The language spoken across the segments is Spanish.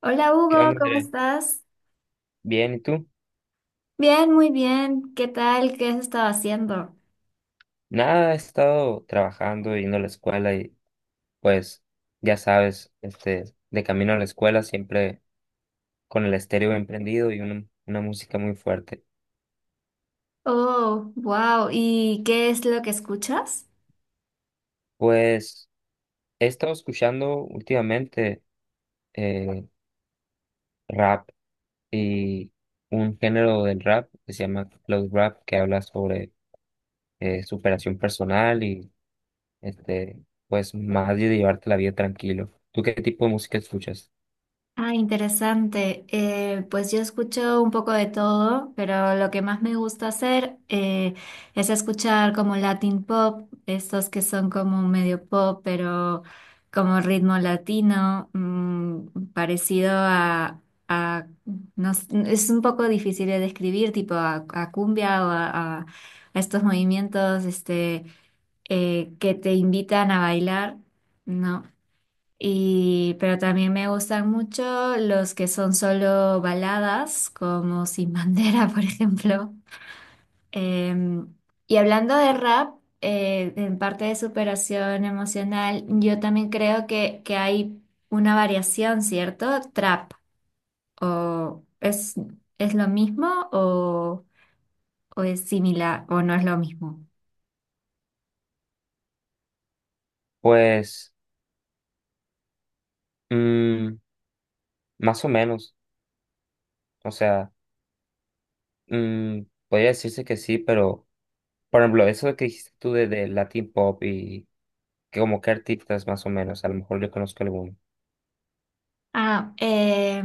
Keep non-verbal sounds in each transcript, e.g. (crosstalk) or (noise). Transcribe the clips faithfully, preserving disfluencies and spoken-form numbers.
Hola ¿Qué Hugo, onda, ¿cómo André? estás? Bien, ¿y tú? Bien, muy bien. ¿Qué tal? ¿Qué has estado haciendo? Nada, he estado trabajando, yendo a la escuela y pues ya sabes, este, de camino a la escuela siempre con el estéreo bien prendido y una, una música muy fuerte. Oh, wow. ¿Y qué es lo que escuchas? Pues he estado escuchando últimamente eh, rap y un género del rap que se llama cloud rap que habla sobre eh, superación personal y este, pues más de llevarte la vida tranquilo. ¿Tú qué tipo de música escuchas? Ah, interesante. Eh, pues yo escucho un poco de todo, pero lo que más me gusta hacer eh, es escuchar como Latin pop, estos que son como medio pop, pero como ritmo latino, mm, parecido a, a- no s- es un poco difícil de describir, tipo a, a cumbia o a, a- a estos movimientos este, eh, que te invitan a bailar. No. Y, pero también me gustan mucho los que son solo baladas, como Sin Bandera, (laughs) por ejemplo. Eh, y hablando de rap, eh, en parte de superación emocional, yo también creo que, que hay una variación, ¿cierto? Trap, o es, es lo mismo o, o es similar o no es lo mismo. Pues... mm, más o menos, o sea, mm, podría decirse que sí, pero por ejemplo, eso de que dijiste tú de, de Latin Pop y que como qué artistas más o menos, a lo mejor yo conozco alguno. Ah, eh,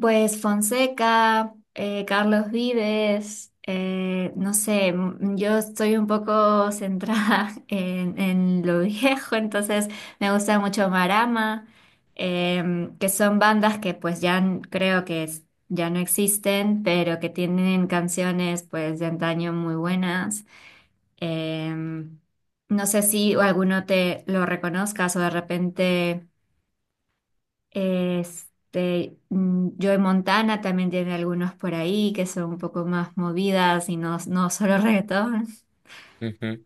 Pues Fonseca, eh, Carlos Vives, eh, no sé, m- yo estoy un poco centrada (laughs) en, en lo viejo, entonces me gusta mucho Marama, em, que son bandas que pues ya n- creo que es- ya no existen, pero que tienen canciones pues de antaño muy buenas. Em, no sé si alguno te lo reconozcas o de repente... Este, mm, Joe Montana también tiene algunos por ahí que son un poco más movidas y no, no solo (laughs) reggaetón. Ujú.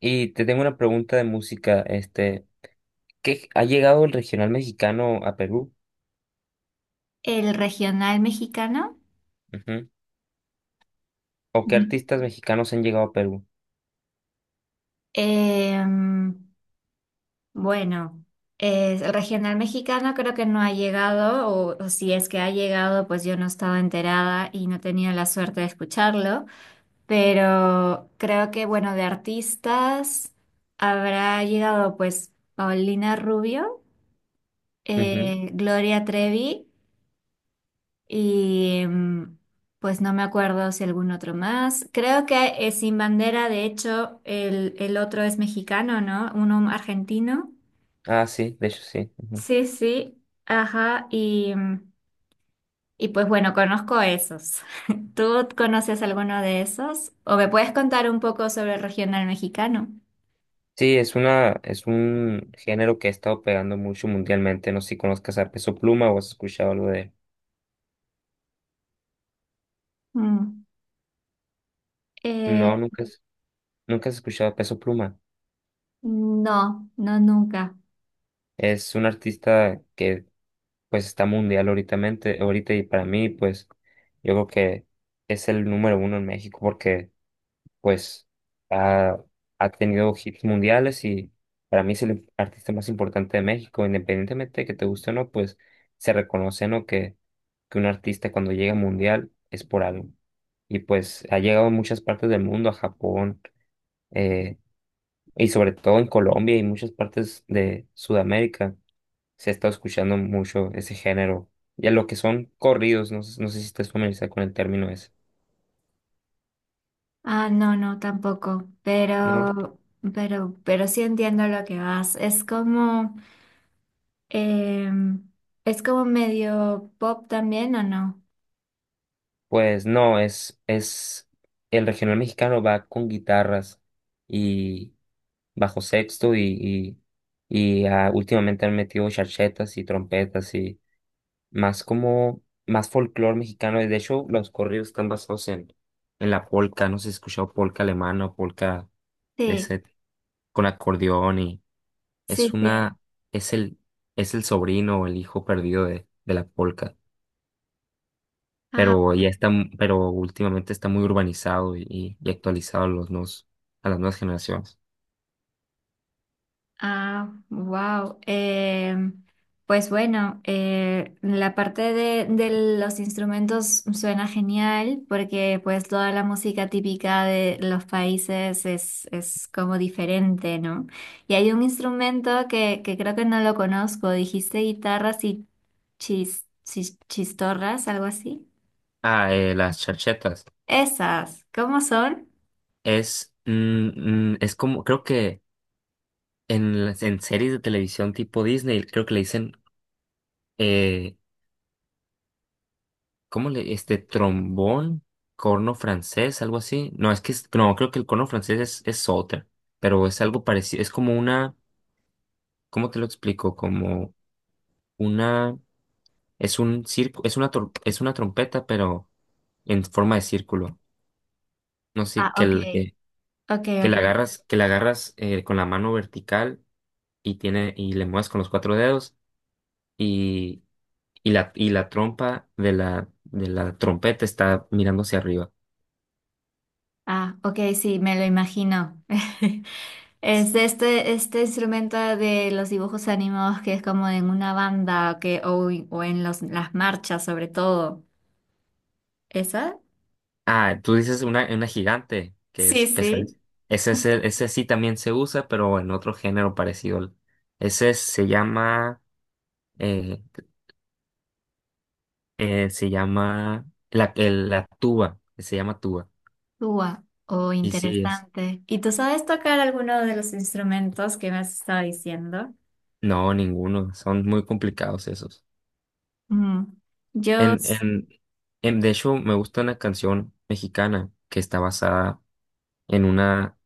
Y te tengo una pregunta de música, este, ¿qué ha llegado el regional mexicano a Perú? El regional mexicano. Ujú. ¿O qué Ujú. artistas mexicanos han llegado a Perú? Em, bueno, es- el regional mexicano creo que no ha llegado, o, o si es que ha llegado, pues yo no estaba enterada y no tenía la suerte de escucharlo, pero creo que, bueno, de artistas habrá llegado pues Paulina Rubio. Ujú. eh, Gloria Trevi y mm, pues no me acuerdo si algún otro más. Creo que eh, Sin Bandera, de hecho, el, el otro es mexicano, ¿no? Uno argentino. Ah, sí, de hecho sí. Ujú. Sí, sí, ajá. Y, mm, y pues bueno, conozco esos. (laughs) ¿Tú conoces alguno de esos? ¿O me puedes contar un poco sobre el regional mexicano? Sí, es una, es un género que ha estado pegando mucho mundialmente, no sé si conozcas a Peso Pluma o has escuchado algo de él. Mm. No, Eh, nunca. Nunca has escuchado a Peso Pluma. no, no nunca. Es un artista que pues está mundial ahoritamente- ahorita y para mí pues yo creo que es el número uno en México porque pues ha, ha tenido hits mundiales y para mí es el artista más importante de México, independientemente de que te guste o no, pues se reconoce, ¿no? Que, que un artista cuando llega mundial es por algo. Y pues ha llegado a muchas partes del mundo, a Japón, eh, y sobre todo en Colombia y muchas partes de Sudamérica se ha estado escuchando mucho ese género. Ya lo que son corridos, no, sé- no sé si estás familiarizado con el término ese, Ah, no, no, tampoco. ¿no? Pero, pero, pero sí entiendo lo que vas. Es como, em, es como medio pop también, ¿o no? Pues no, es, es el regional mexicano va con guitarras y bajo sexto y, y, y ah, últimamente han metido charchetas y trompetas y más como, más folclore mexicano. Y de hecho los corridos están basados en, en la polca, no sé si has escuchado polca alemana o polca... De Sí, ese, con acordeón y es sí, sí. una, es el, es el sobrino o el hijo perdido de, de la polca, pero ya está, m- pero últimamente está muy urbanizado y, y- y actualizado a los nuevos, a las nuevas generaciones. Ah, wow. Pues bueno, eh, la parte de, de los instrumentos suena genial porque pues toda la música típica de los países es, es como diferente, ¿no? Y hay un instrumento que, que creo que no lo conozco, dijiste guitarras y chis, chis- chistorras, algo así. Ah, eh, las charchetas. Esas, ¿cómo son? Es, mm, mm, es como, creo que en, las- en series de televisión tipo Disney, creo que le dicen, eh, ¿cómo le, este, trombón? Corno francés, algo así. No, es que, es- no, creo que el corno francés es, es otra, pero es algo parecido, es como una, ¿cómo te lo explico? Como una, es un circo, es una, tor- es una trompeta, pero en forma de círculo. No sé, Ah, que, ok, el- que, ok, que ok. la agarras, que la agarras eh, con la mano vertical y tiene, y le mueves con los cuatro dedos y, y la, y la trompa de la, de la trompeta está mirando hacia arriba. Ah, ok, sí, me lo imagino. (laughs) Es de este, este instrumento de los dibujos animados que es como en una banda que, o, o en los, las marchas sobre todo. ¿Esa? Ah, tú dices una, una gigante, que Sí, es sí. pesadilla. Ese, ese, ese sí también se usa, pero en otro género parecido. Ese se llama eh, eh, se llama la, el- la tuba, se llama tuba. Ua, oh, Y sí es. interesante. ¿Y tú sabes tocar alguno de los instrumentos que me has estado diciendo? No, ninguno. Son muy complicados esos. Mm, Yo, En, s- en, en, de hecho, me gusta una canción mexicana que está basada en una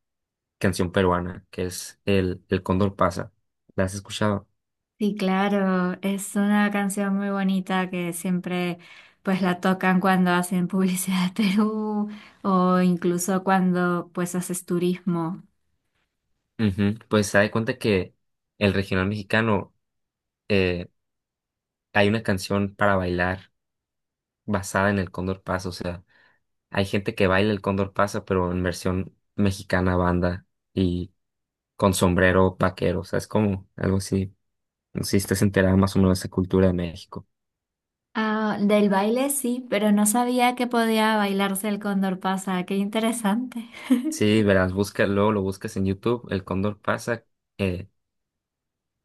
canción peruana, que es El, el Cóndor pasa. ¿La has escuchado? sí, claro, es una canción muy bonita que siempre pues la tocan cuando hacen (laughs) publicidad de Perú o incluso cuando pues haces turismo. Ujú. Pues se da cuenta que el regional mexicano eh, hay una canción para bailar basada en el Cóndor pasa, o sea, hay gente que baila el Cóndor pasa, pero en versión mexicana banda y con sombrero vaquero. O sea, es como algo así. No sé si estás enterado más o menos de esa cultura de México. Ah, del baile sí, pero no sabía que podía bailarse el cóndor pasa. Qué interesante. (laughs) Sí, verás, busca, luego lo buscas en YouTube, el Cóndor pasa, eh,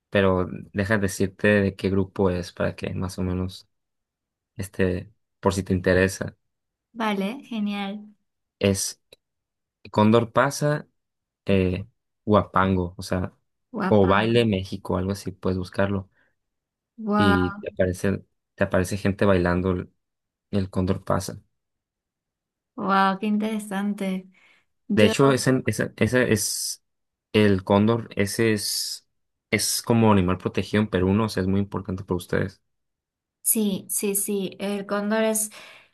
pero deja de decirte de qué grupo es para que más o menos, este, por si te interesa. Vale, genial. Es Cóndor pasa, eh, Huapango, o sea, o Guapango. Baile México, algo así, puedes buscarlo. Y Wow, te aparece, te aparece gente bailando el, el Cóndor pasa. wow, qué interesante. De Yo, hecho, ese, ese, ese es el cóndor, ese es, es como animal protegido en Perú, ¿no? O sea, es muy importante para ustedes. sí, sí, sí. El cóndor es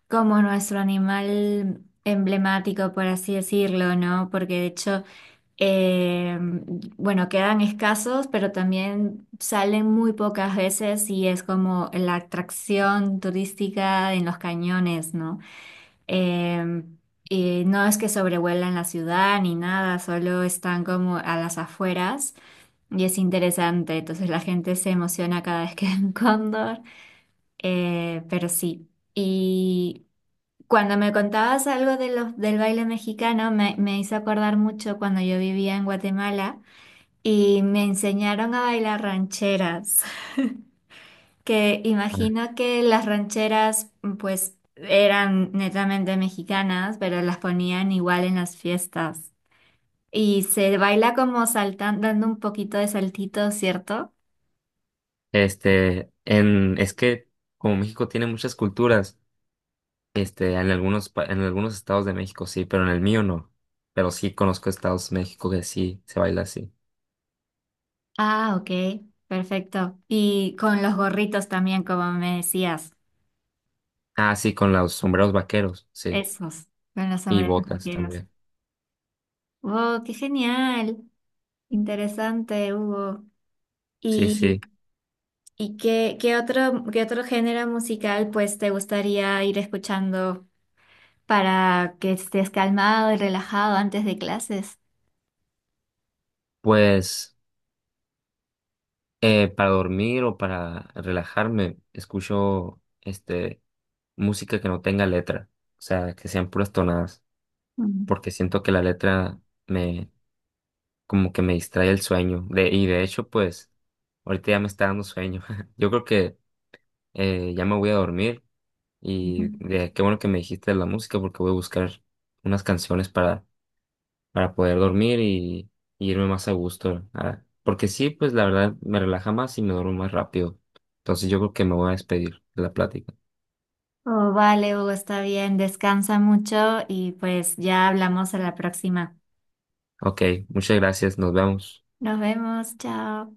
como nuestro animal emblemático, por así decirlo, ¿no? Porque de hecho. Eh, bueno, quedan escasos, pero también salen muy pocas veces y es como la atracción turística en los cañones, ¿no? Eh, y no es que sobrevuelan la ciudad ni nada, solo están como a las afueras y es interesante. Entonces la gente se emociona cada vez que ve un cóndor. Eh, pero sí. Y cuando me contabas algo de los, del baile mexicano, me, me hizo acordar mucho cuando yo vivía en Guatemala y me enseñaron a bailar rancheras que Ah. imagino que las rancheras pues eran netamente mexicanas, pero las ponían igual en las fiestas. Y se baila como saltando, dando un poquito de saltito, ¿cierto? Este, en, es que como México tiene muchas culturas, este, en algunos, pa- en algunos estados de México sí, pero en el mío no. Pero sí conozco estados de México que sí se baila así. Ah, ok, perfecto. Y con los gorritos también, como me decías, Ah, sí, con los sombreros vaqueros, sí. esos, con los Y sombreros botas vaqueros. también. ¡Wow, qué genial! Interesante, Hugo. Sí, ¿Y, sí. y qué, qué otro, qué otro género musical pues te gustaría ir escuchando para que estés calmado y relajado antes de clases? Pues. Eh, para dormir o para relajarme, escucho este música que no tenga letra, o sea, que sean puras tonadas, Mm. porque siento que la letra me como que me distrae el sueño. De, y de hecho, pues, ahorita ya me está dando sueño. (laughs) Yo creo que eh, ya me voy a dormir Ujú. y de, qué bueno que me dijiste de la música porque voy a buscar unas canciones para para poder dormir y, y irme más a gusto. Ah, porque sí, pues la verdad me relaja más y me duermo más rápido. Entonces yo creo que me voy a despedir de la plática. Oh, vale, Hugo, está bien, descansa mucho y pues ya hablamos a la próxima. Ok, muchas gracias, nos vemos. Nos vemos, chao.